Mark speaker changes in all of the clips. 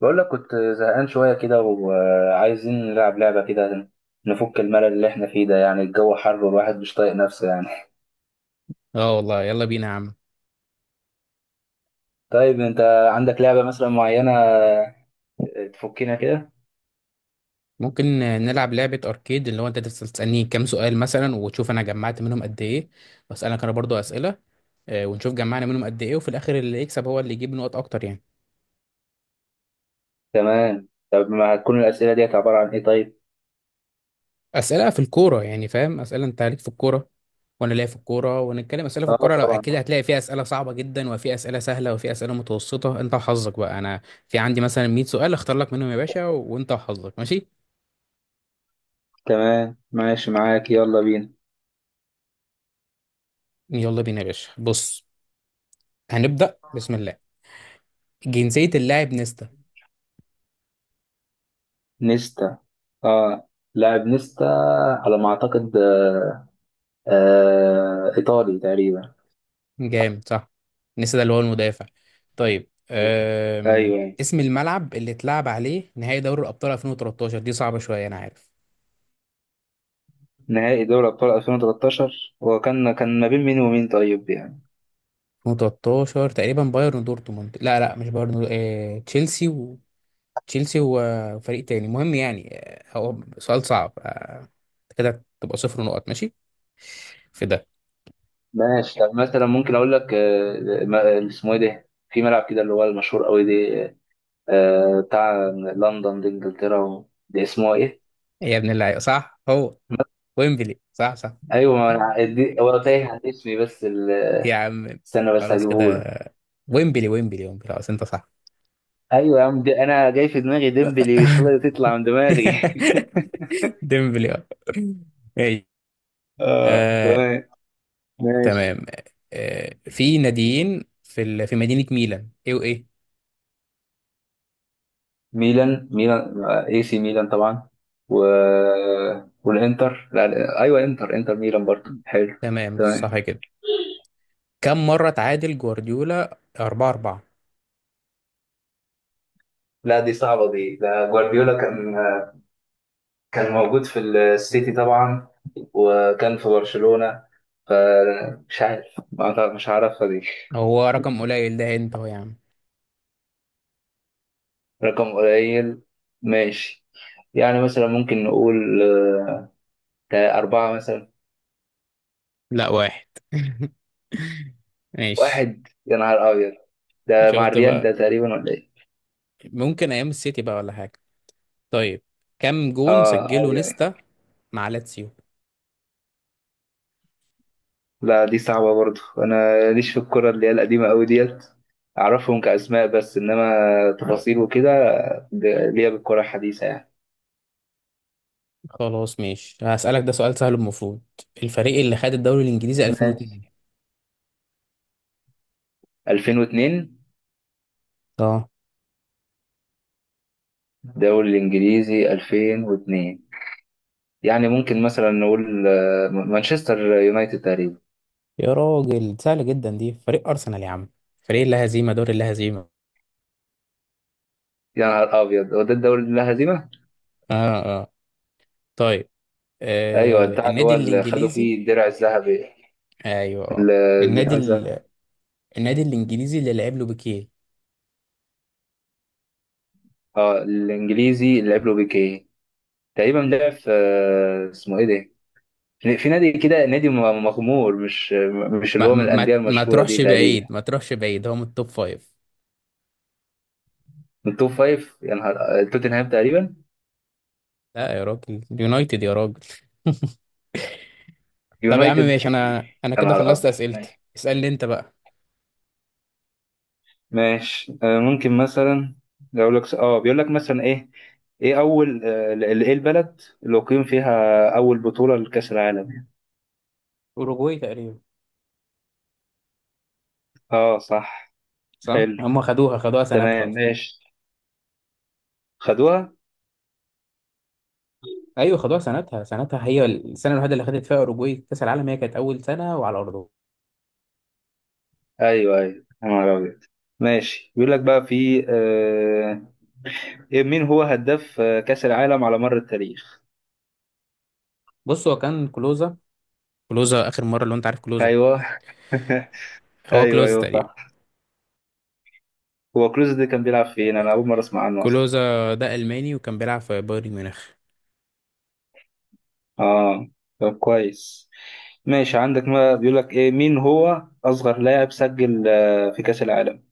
Speaker 1: بقول لك كنت زهقان شوية كده وعايزين نلعب لعبة كده، نفك الملل اللي احنا فيه ده. يعني الجو حر والواحد مش طايق نفسه يعني.
Speaker 2: اه والله يلا بينا يا عم.
Speaker 1: طيب، انت عندك لعبة مثلا معينة تفكنا كده؟
Speaker 2: ممكن نلعب لعبة أركيد، اللي هو أنت تفضل تسألني كام سؤال مثلا وتشوف أنا جمعت منهم قد إيه، وأسألك أنا برضو أسئلة، ونشوف جمعنا منهم قد إيه، وفي الآخر اللي يكسب هو اللي يجيب نقط أكتر يعني.
Speaker 1: تمام، طب ما هتكون الأسئلة ديت عبارة عن ايه طيب؟
Speaker 2: أسئلة في الكورة، يعني فاهم، أسئلة أنت ليك في الكورة وأنا ليا في الكورة، ونتكلم أسئلة في
Speaker 1: اه،
Speaker 2: الكورة. لو
Speaker 1: طبعا.
Speaker 2: أكيد هتلاقي فيها أسئلة صعبة جدا وفي أسئلة سهلة وفي أسئلة متوسطة، أنت وحظك بقى. أنا في عندي مثلا 100 سؤال أختار لك منهم يا باشا، وأنت وحظك. ماشي،
Speaker 1: تمام ماشي معاك، يلا بينا.
Speaker 2: يلا بينا يا باشا. بص، هنبدأ بسم الله. جنسية اللاعب نيستا؟
Speaker 1: نيستا. اه لاعب نيستا، على ما اعتقد، ايطالي تقريبا.
Speaker 2: جامد، صح. نسي ده اللي هو المدافع. طيب،
Speaker 1: ايوه،
Speaker 2: اسم الملعب اللي اتلعب عليه نهائي دوري الأبطال 2013؟ دي صعبة شوية أنا عارف.
Speaker 1: نهائي دوري أبطال 2013، هو كان ما بين مين ومين، طيب يعني؟
Speaker 2: 2013 تقريبا بايرن ودورتموند، لا لا مش بايرن، تشيلسي و... تشيلسي وفريق تاني، المهم يعني، هو سؤال صعب. كده تبقى صفر نقط، ماشي في ده.
Speaker 1: ماشي، طب مثلا ممكن أقول لك، اسمه إيه ده، في ملعب كده اللي هو المشهور قوي ده، بتاع لندن دي إنجلترا، ده اسمه إيه؟
Speaker 2: إيه يا ابن اللعيبة، صح هو ويمبلي، صح صح.
Speaker 1: أيوه، ما أنا هو تايه عن اسمي، بس
Speaker 2: يا عم
Speaker 1: استنى بس
Speaker 2: خلاص
Speaker 1: هجيبه لك.
Speaker 2: كده، ويمبلي ويمبلي ويمبلي، خلاص انت صح.
Speaker 1: أيوه يا عم، دي أنا جاي في دماغي ديمبلي، مش راضي تطلع من دماغي.
Speaker 2: ديمبلي، آه.
Speaker 1: اه،
Speaker 2: آه،
Speaker 1: تمام ماشي.
Speaker 2: تمام. في ناديين في مدينة ميلان، ايه وايه؟
Speaker 1: ميلان، ميلان اي سي ميلان طبعا، و... والانتر، لا لا، ايوه، انتر ميلان برضه حلو.
Speaker 2: تمام،
Speaker 1: تمام.
Speaker 2: صح كده. كم مرة تعادل جوارديولا 4-4؟
Speaker 1: لا، دي صعبة دي، ده جوارديولا كان موجود في السيتي طبعا، وكان في برشلونة، فمش عارف، مش عارفها دي.
Speaker 2: هو رقم قليل ده، انت هو يا عم.
Speaker 1: رقم قليل، ماشي. يعني مثلا ممكن نقول، ده أربعة مثلا.
Speaker 2: لا، واحد. ماشي،
Speaker 1: واحد؟ يا نهار أبيض. ده مع
Speaker 2: شفت
Speaker 1: الريال
Speaker 2: بقى.
Speaker 1: ده تقريبا، ولا إيه؟
Speaker 2: ممكن ايام السيتي بقى ولا حاجة. طيب، كم جون سجله
Speaker 1: أيوه، أيوة.
Speaker 2: نيستا مع لاتسيو؟
Speaker 1: لا، دي صعبة برضو، أنا ليش في الكرة اللي هي القديمة أوي ديت، أعرفهم كأسماء بس، إنما تفاصيل وكده، ليا بالكرة الحديثة يعني.
Speaker 2: خلاص ماشي، هسألك ده سؤال سهل المفروض. الفريق اللي خد الدوري الانجليزي
Speaker 1: ماشي.
Speaker 2: 2002؟
Speaker 1: 2002،
Speaker 2: اه.
Speaker 1: دوري الإنجليزي 2002، يعني ممكن مثلا نقول، مانشستر يونايتد تقريبا.
Speaker 2: يا راجل، سهلة جدا دي، فريق أرسنال يا عم، فريق لا هزيمة، دور لا هزيمة.
Speaker 1: يا نهار أبيض، هو ده الدوري اللي لا هزيمة؟
Speaker 2: اه اه. طيب،
Speaker 1: أيوه، بتاع اللي
Speaker 2: النادي
Speaker 1: هو اللي خدوا
Speaker 2: الإنجليزي.
Speaker 1: فيه الدرع الذهبي،
Speaker 2: أيوه، آه. النادي
Speaker 1: بتاع الذهب.
Speaker 2: ال... النادي الإنجليزي اللي لعب له بيكيه.
Speaker 1: اه، الإنجليزي اللي لعب له بيكيه تقريبا لعب في، اسمه إيه ده؟ في نادي كده، نادي مغمور، مش اللي
Speaker 2: ما...
Speaker 1: هو من الأندية
Speaker 2: ما ما
Speaker 1: المشهورة دي
Speaker 2: تروحش
Speaker 1: تقريبا.
Speaker 2: بعيد، ما تروحش بعيد، هو من التوب فايف.
Speaker 1: من التوب فايف؟ يا نهار، توتنهام تقريبا.
Speaker 2: لا يا راجل، اليونايتد يا راجل. طب يا عم
Speaker 1: يونايتد؟
Speaker 2: ماشي، أنا
Speaker 1: يا
Speaker 2: كده
Speaker 1: نهار
Speaker 2: خلصت
Speaker 1: أبيض،
Speaker 2: أسئلتي،
Speaker 1: ماشي
Speaker 2: اسألني أنت بقى.
Speaker 1: ماشي. ممكن مثلا أقول لك، بيقول لك مثلا ايه ايه اول، ايه البلد اللي اقيم فيها اول بطولة لكأس العالم؟
Speaker 2: أوروجواي تقريبا.
Speaker 1: اه، صح.
Speaker 2: صح،
Speaker 1: حلو،
Speaker 2: هم خدوها، خدوها سنتها
Speaker 1: تمام
Speaker 2: أصلا.
Speaker 1: ماشي، خدوها.
Speaker 2: ايوه، خدوها سنتها، سنتها هي السنه الوحيده اللي خدت فيها اوروجواي كاس العالم، هي كانت اول سنه وعلى ارضها.
Speaker 1: ايوه، ايوه، يا نهار أبيض. ماشي، بيقول لك بقى في، مين هو هداف كأس العالم على مر التاريخ؟
Speaker 2: بص، هو كان كلوزا. كلوزا اخر مره، لو انت عارف كلوزا.
Speaker 1: ايوه.
Speaker 2: هو
Speaker 1: ايوه،
Speaker 2: كلوزا
Speaker 1: ايوه،
Speaker 2: تقريبا.
Speaker 1: صح. هو كروز ده كان بيلعب فين؟ انا اول مره اسمع عنه اصلا.
Speaker 2: كلوزا ده الماني وكان بيلعب في بايرن ميونخ.
Speaker 1: اه، طب كويس، ماشي. عندك، ما بيقول لك ايه، مين هو اصغر لاعب سجل في كأس العالم؟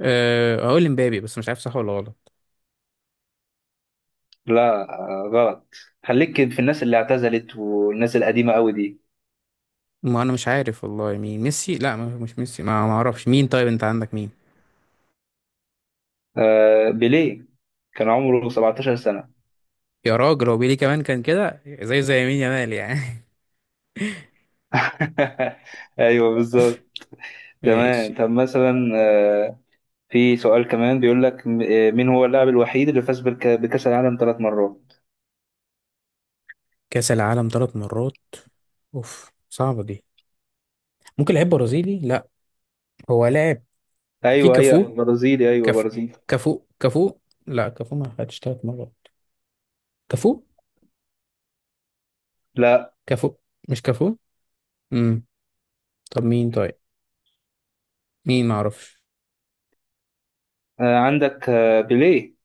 Speaker 2: أه، هقول مبابي بس مش عارف صح ولا غلط.
Speaker 1: لا، غلط. خليك في الناس اللي اعتزلت والناس القديمه قوي دي.
Speaker 2: ما انا مش عارف والله مين، ميسي، لا مش ميسي، ما اعرفش مين، طيب انت عندك مين؟
Speaker 1: بيليه، كان عمره 17 سنه.
Speaker 2: يا راجل، هو بيلي كمان كان كده زي يمين يامال يعني.
Speaker 1: ايوه بالظبط. تمام،
Speaker 2: ماشي.
Speaker 1: طب مثلا، في سؤال كمان بيقول لك، مين هو اللاعب الوحيد اللي فاز بكأس العالم 3 مرات؟
Speaker 2: كاس العالم ثلاث مرات، اوف صعبه دي. ممكن لعيب برازيلي، لا هو لاعب. في
Speaker 1: ايوه، هي
Speaker 2: كافو،
Speaker 1: برازيلي، ايوه
Speaker 2: كافو،
Speaker 1: برازيلي.
Speaker 2: كافو كافو. لا كافو ما خدش ثلاث مرات. كافو،
Speaker 1: لا،
Speaker 2: كافو، مش كافو. امم طب مين طيب، مين معرفش.
Speaker 1: عندك، بيليه.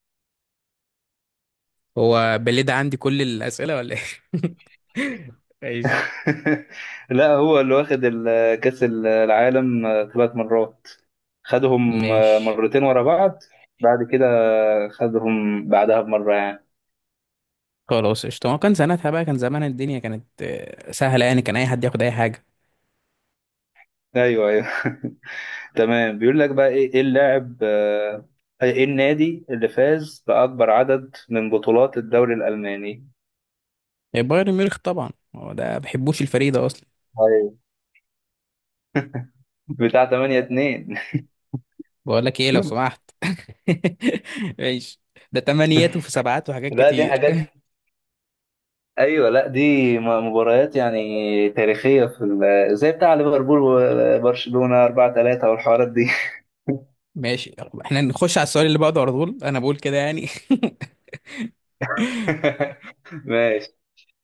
Speaker 2: هو بليد عندي كل الأسئلة ولا ايه؟ ماشي
Speaker 1: لا، هو اللي واخد كأس العالم 3 مرات، خدهم
Speaker 2: ماشي.
Speaker 1: مرتين ورا بعض، بعد كده خدهم بعدها بمرة يعني.
Speaker 2: خلاص قشطة، ما كان سنتها بقى كان زمان، الدنيا كانت سهلة يعني، كان أي حد ياخد أي حاجة.
Speaker 1: ايوه، ايوه. تمام، بيقول لك بقى ايه، إيه اللاعب آه، ايه النادي اللي فاز بأكبر عدد من بطولات الدوري الألماني
Speaker 2: بايرن ميونخ طبعا، هو ده ما بحبوش الفريق ده أصلا.
Speaker 1: بتاع 8-2؟
Speaker 2: بقول لك إيه لو سمحت. ماشي، ده تمانيات وفي سبعات وحاجات
Speaker 1: لا، دي
Speaker 2: كتير.
Speaker 1: حاجات، ايوه، لا دي مباريات يعني تاريخيه، في زي بتاع ليفربول وبرشلونه 4-3 والحوارات دي.
Speaker 2: ماشي، احنا نخش على السؤال اللي بعده على طول، أنا بقول كده يعني.
Speaker 1: ماشي،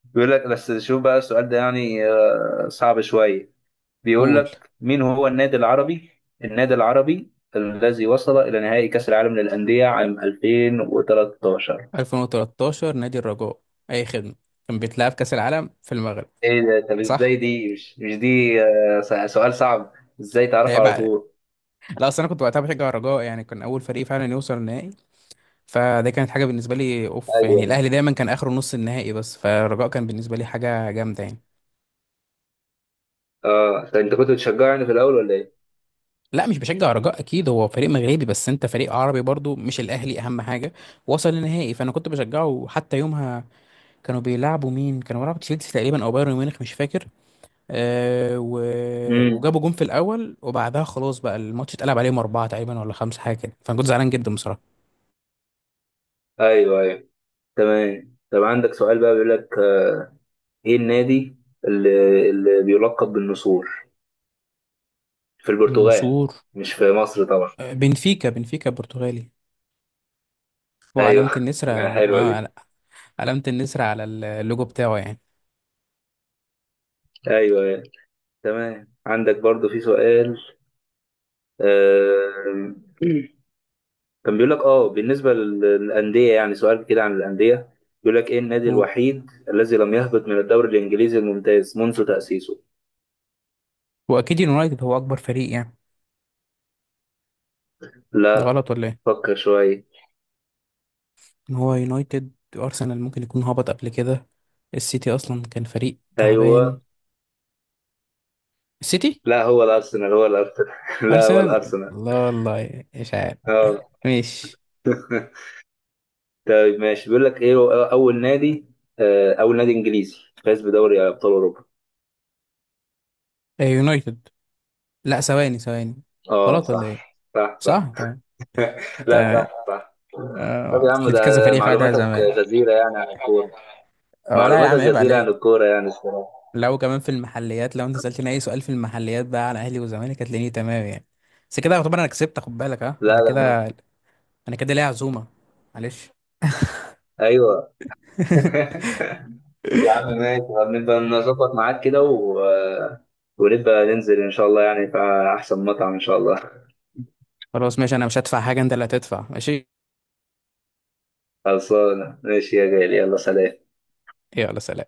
Speaker 1: بيقول لك بس شوف بقى السؤال ده، يعني صعب شويه. بيقول
Speaker 2: قول.
Speaker 1: لك مين هو النادي العربي، النادي العربي الذي وصل الى نهائي كاس العالم للانديه عام 2013؟
Speaker 2: 2013، نادي الرجاء، أي خدمة. كان بيتلعب كأس العالم في المغرب،
Speaker 1: ايه ده، طب ازاي،
Speaker 2: صح؟
Speaker 1: دي مش دي، سؤال صعب، ازاي تعرفه
Speaker 2: عيب
Speaker 1: على
Speaker 2: عليك.
Speaker 1: طول؟
Speaker 2: لا، اصل انا كنت وقتها بشجع الرجاء، يعني كان اول فريق فعلا يوصل النهائي، فده كانت حاجه بالنسبه لي اوف يعني.
Speaker 1: أيوة.
Speaker 2: الاهلي دايما كان اخره نص النهائي، بس فالرجاء كان بالنسبه لي حاجه جامده يعني.
Speaker 1: اه، طب انت كنت بتشجعني في الاول ولا ايه؟
Speaker 2: لا مش بشجع الرجاء، اكيد هو فريق مغربي، بس انت فريق عربي برضو، مش الاهلي اهم حاجه، وصل النهائي فانا كنت بشجعه حتى يومها. كانوا بيلعبوا مين؟ كانوا بيلعبوا تشيلسي تقريبا او بايرن ميونخ، مش فاكر. آه و...
Speaker 1: امم
Speaker 2: وجابوا جون في الاول، وبعدها خلاص بقى الماتش اتقلب عليهم، اربعه تقريبا ولا خمسه، حاجه كده، فانا كنت زعلان جدا بصراحه.
Speaker 1: ايوه، ايوه. تمام، طب عندك سؤال بقى، بيقول لك، ايه النادي اللي بيلقب بالنسور في البرتغال،
Speaker 2: النشور،
Speaker 1: مش في مصر طبعا.
Speaker 2: بنفيكا. بنفيكا برتغالي، هو علامة
Speaker 1: ايوه.
Speaker 2: النسر
Speaker 1: حلوه دي،
Speaker 2: علامة النسر على اللوجو بتاعه يعني.
Speaker 1: ايوه، أيوة. تمام، عندك برضو في سؤال، آه... كان بيقول لك، بالنسبه للانديه يعني، سؤال كده عن الانديه. بيقول لك ايه النادي
Speaker 2: و...
Speaker 1: الوحيد الذي لم يهبط من الدوري الانجليزي الممتاز منذ تاسيسه؟
Speaker 2: واكيد اليونايتد هو اكبر فريق يعني. ده
Speaker 1: لا،
Speaker 2: غلط ولا ايه؟
Speaker 1: فكر شويه.
Speaker 2: ان هو يونايتد، ارسنال ممكن يكون هبط قبل كده، السيتي اصلا كان فريق تعبان،
Speaker 1: ايوه،
Speaker 2: السيتي،
Speaker 1: لا، هو الارسنال، هو الارسنال. لا هو
Speaker 2: ارسنال.
Speaker 1: الارسنال.
Speaker 2: لا والله مش عارف.
Speaker 1: اه.
Speaker 2: ماشي.
Speaker 1: طيب ماشي، بيقول لك ايه هو اول نادي، اول نادي انجليزي فاز بدوري ابطال اوروبا؟
Speaker 2: يونايتد، لا ثواني ثواني.
Speaker 1: اه،
Speaker 2: غلط ولا ايه؟
Speaker 1: صح صح صح.
Speaker 2: صح تمام.
Speaker 1: لا،
Speaker 2: تمام.
Speaker 1: صح صح. طب يا عم،
Speaker 2: أصل في كذا
Speaker 1: ده
Speaker 2: فريق خدها
Speaker 1: معلوماتك
Speaker 2: زمان.
Speaker 1: غزيرة يعني عن الكورة،
Speaker 2: آه، ولا يا
Speaker 1: معلوماتك
Speaker 2: عم عيب
Speaker 1: غزيرة عن
Speaker 2: عليك.
Speaker 1: الكورة يعني الصراحة.
Speaker 2: لو كمان في المحليات، لو انت سألتني اي سؤال في المحليات بقى على اهلي وزمالك، هتلاقيني تمام يعني. بس كده يعتبر انا كسبت، خد بالك، ها
Speaker 1: لا
Speaker 2: انا
Speaker 1: لا ما.
Speaker 2: كده، انا كده ليا عزومة، معلش.
Speaker 1: ايوه. يا عم ماشي، طب نبقى نظبط معاك كده، و... آه، ونبقى ننزل ان شاء الله يعني في احسن مطعم ان شاء الله.
Speaker 2: خلاص ماشي، انا مش هدفع حاجة، انت اللي هتدفع. ماشي،
Speaker 1: خلصانة، ماشي يا غالي، يلا سلام.
Speaker 2: يلا سلام.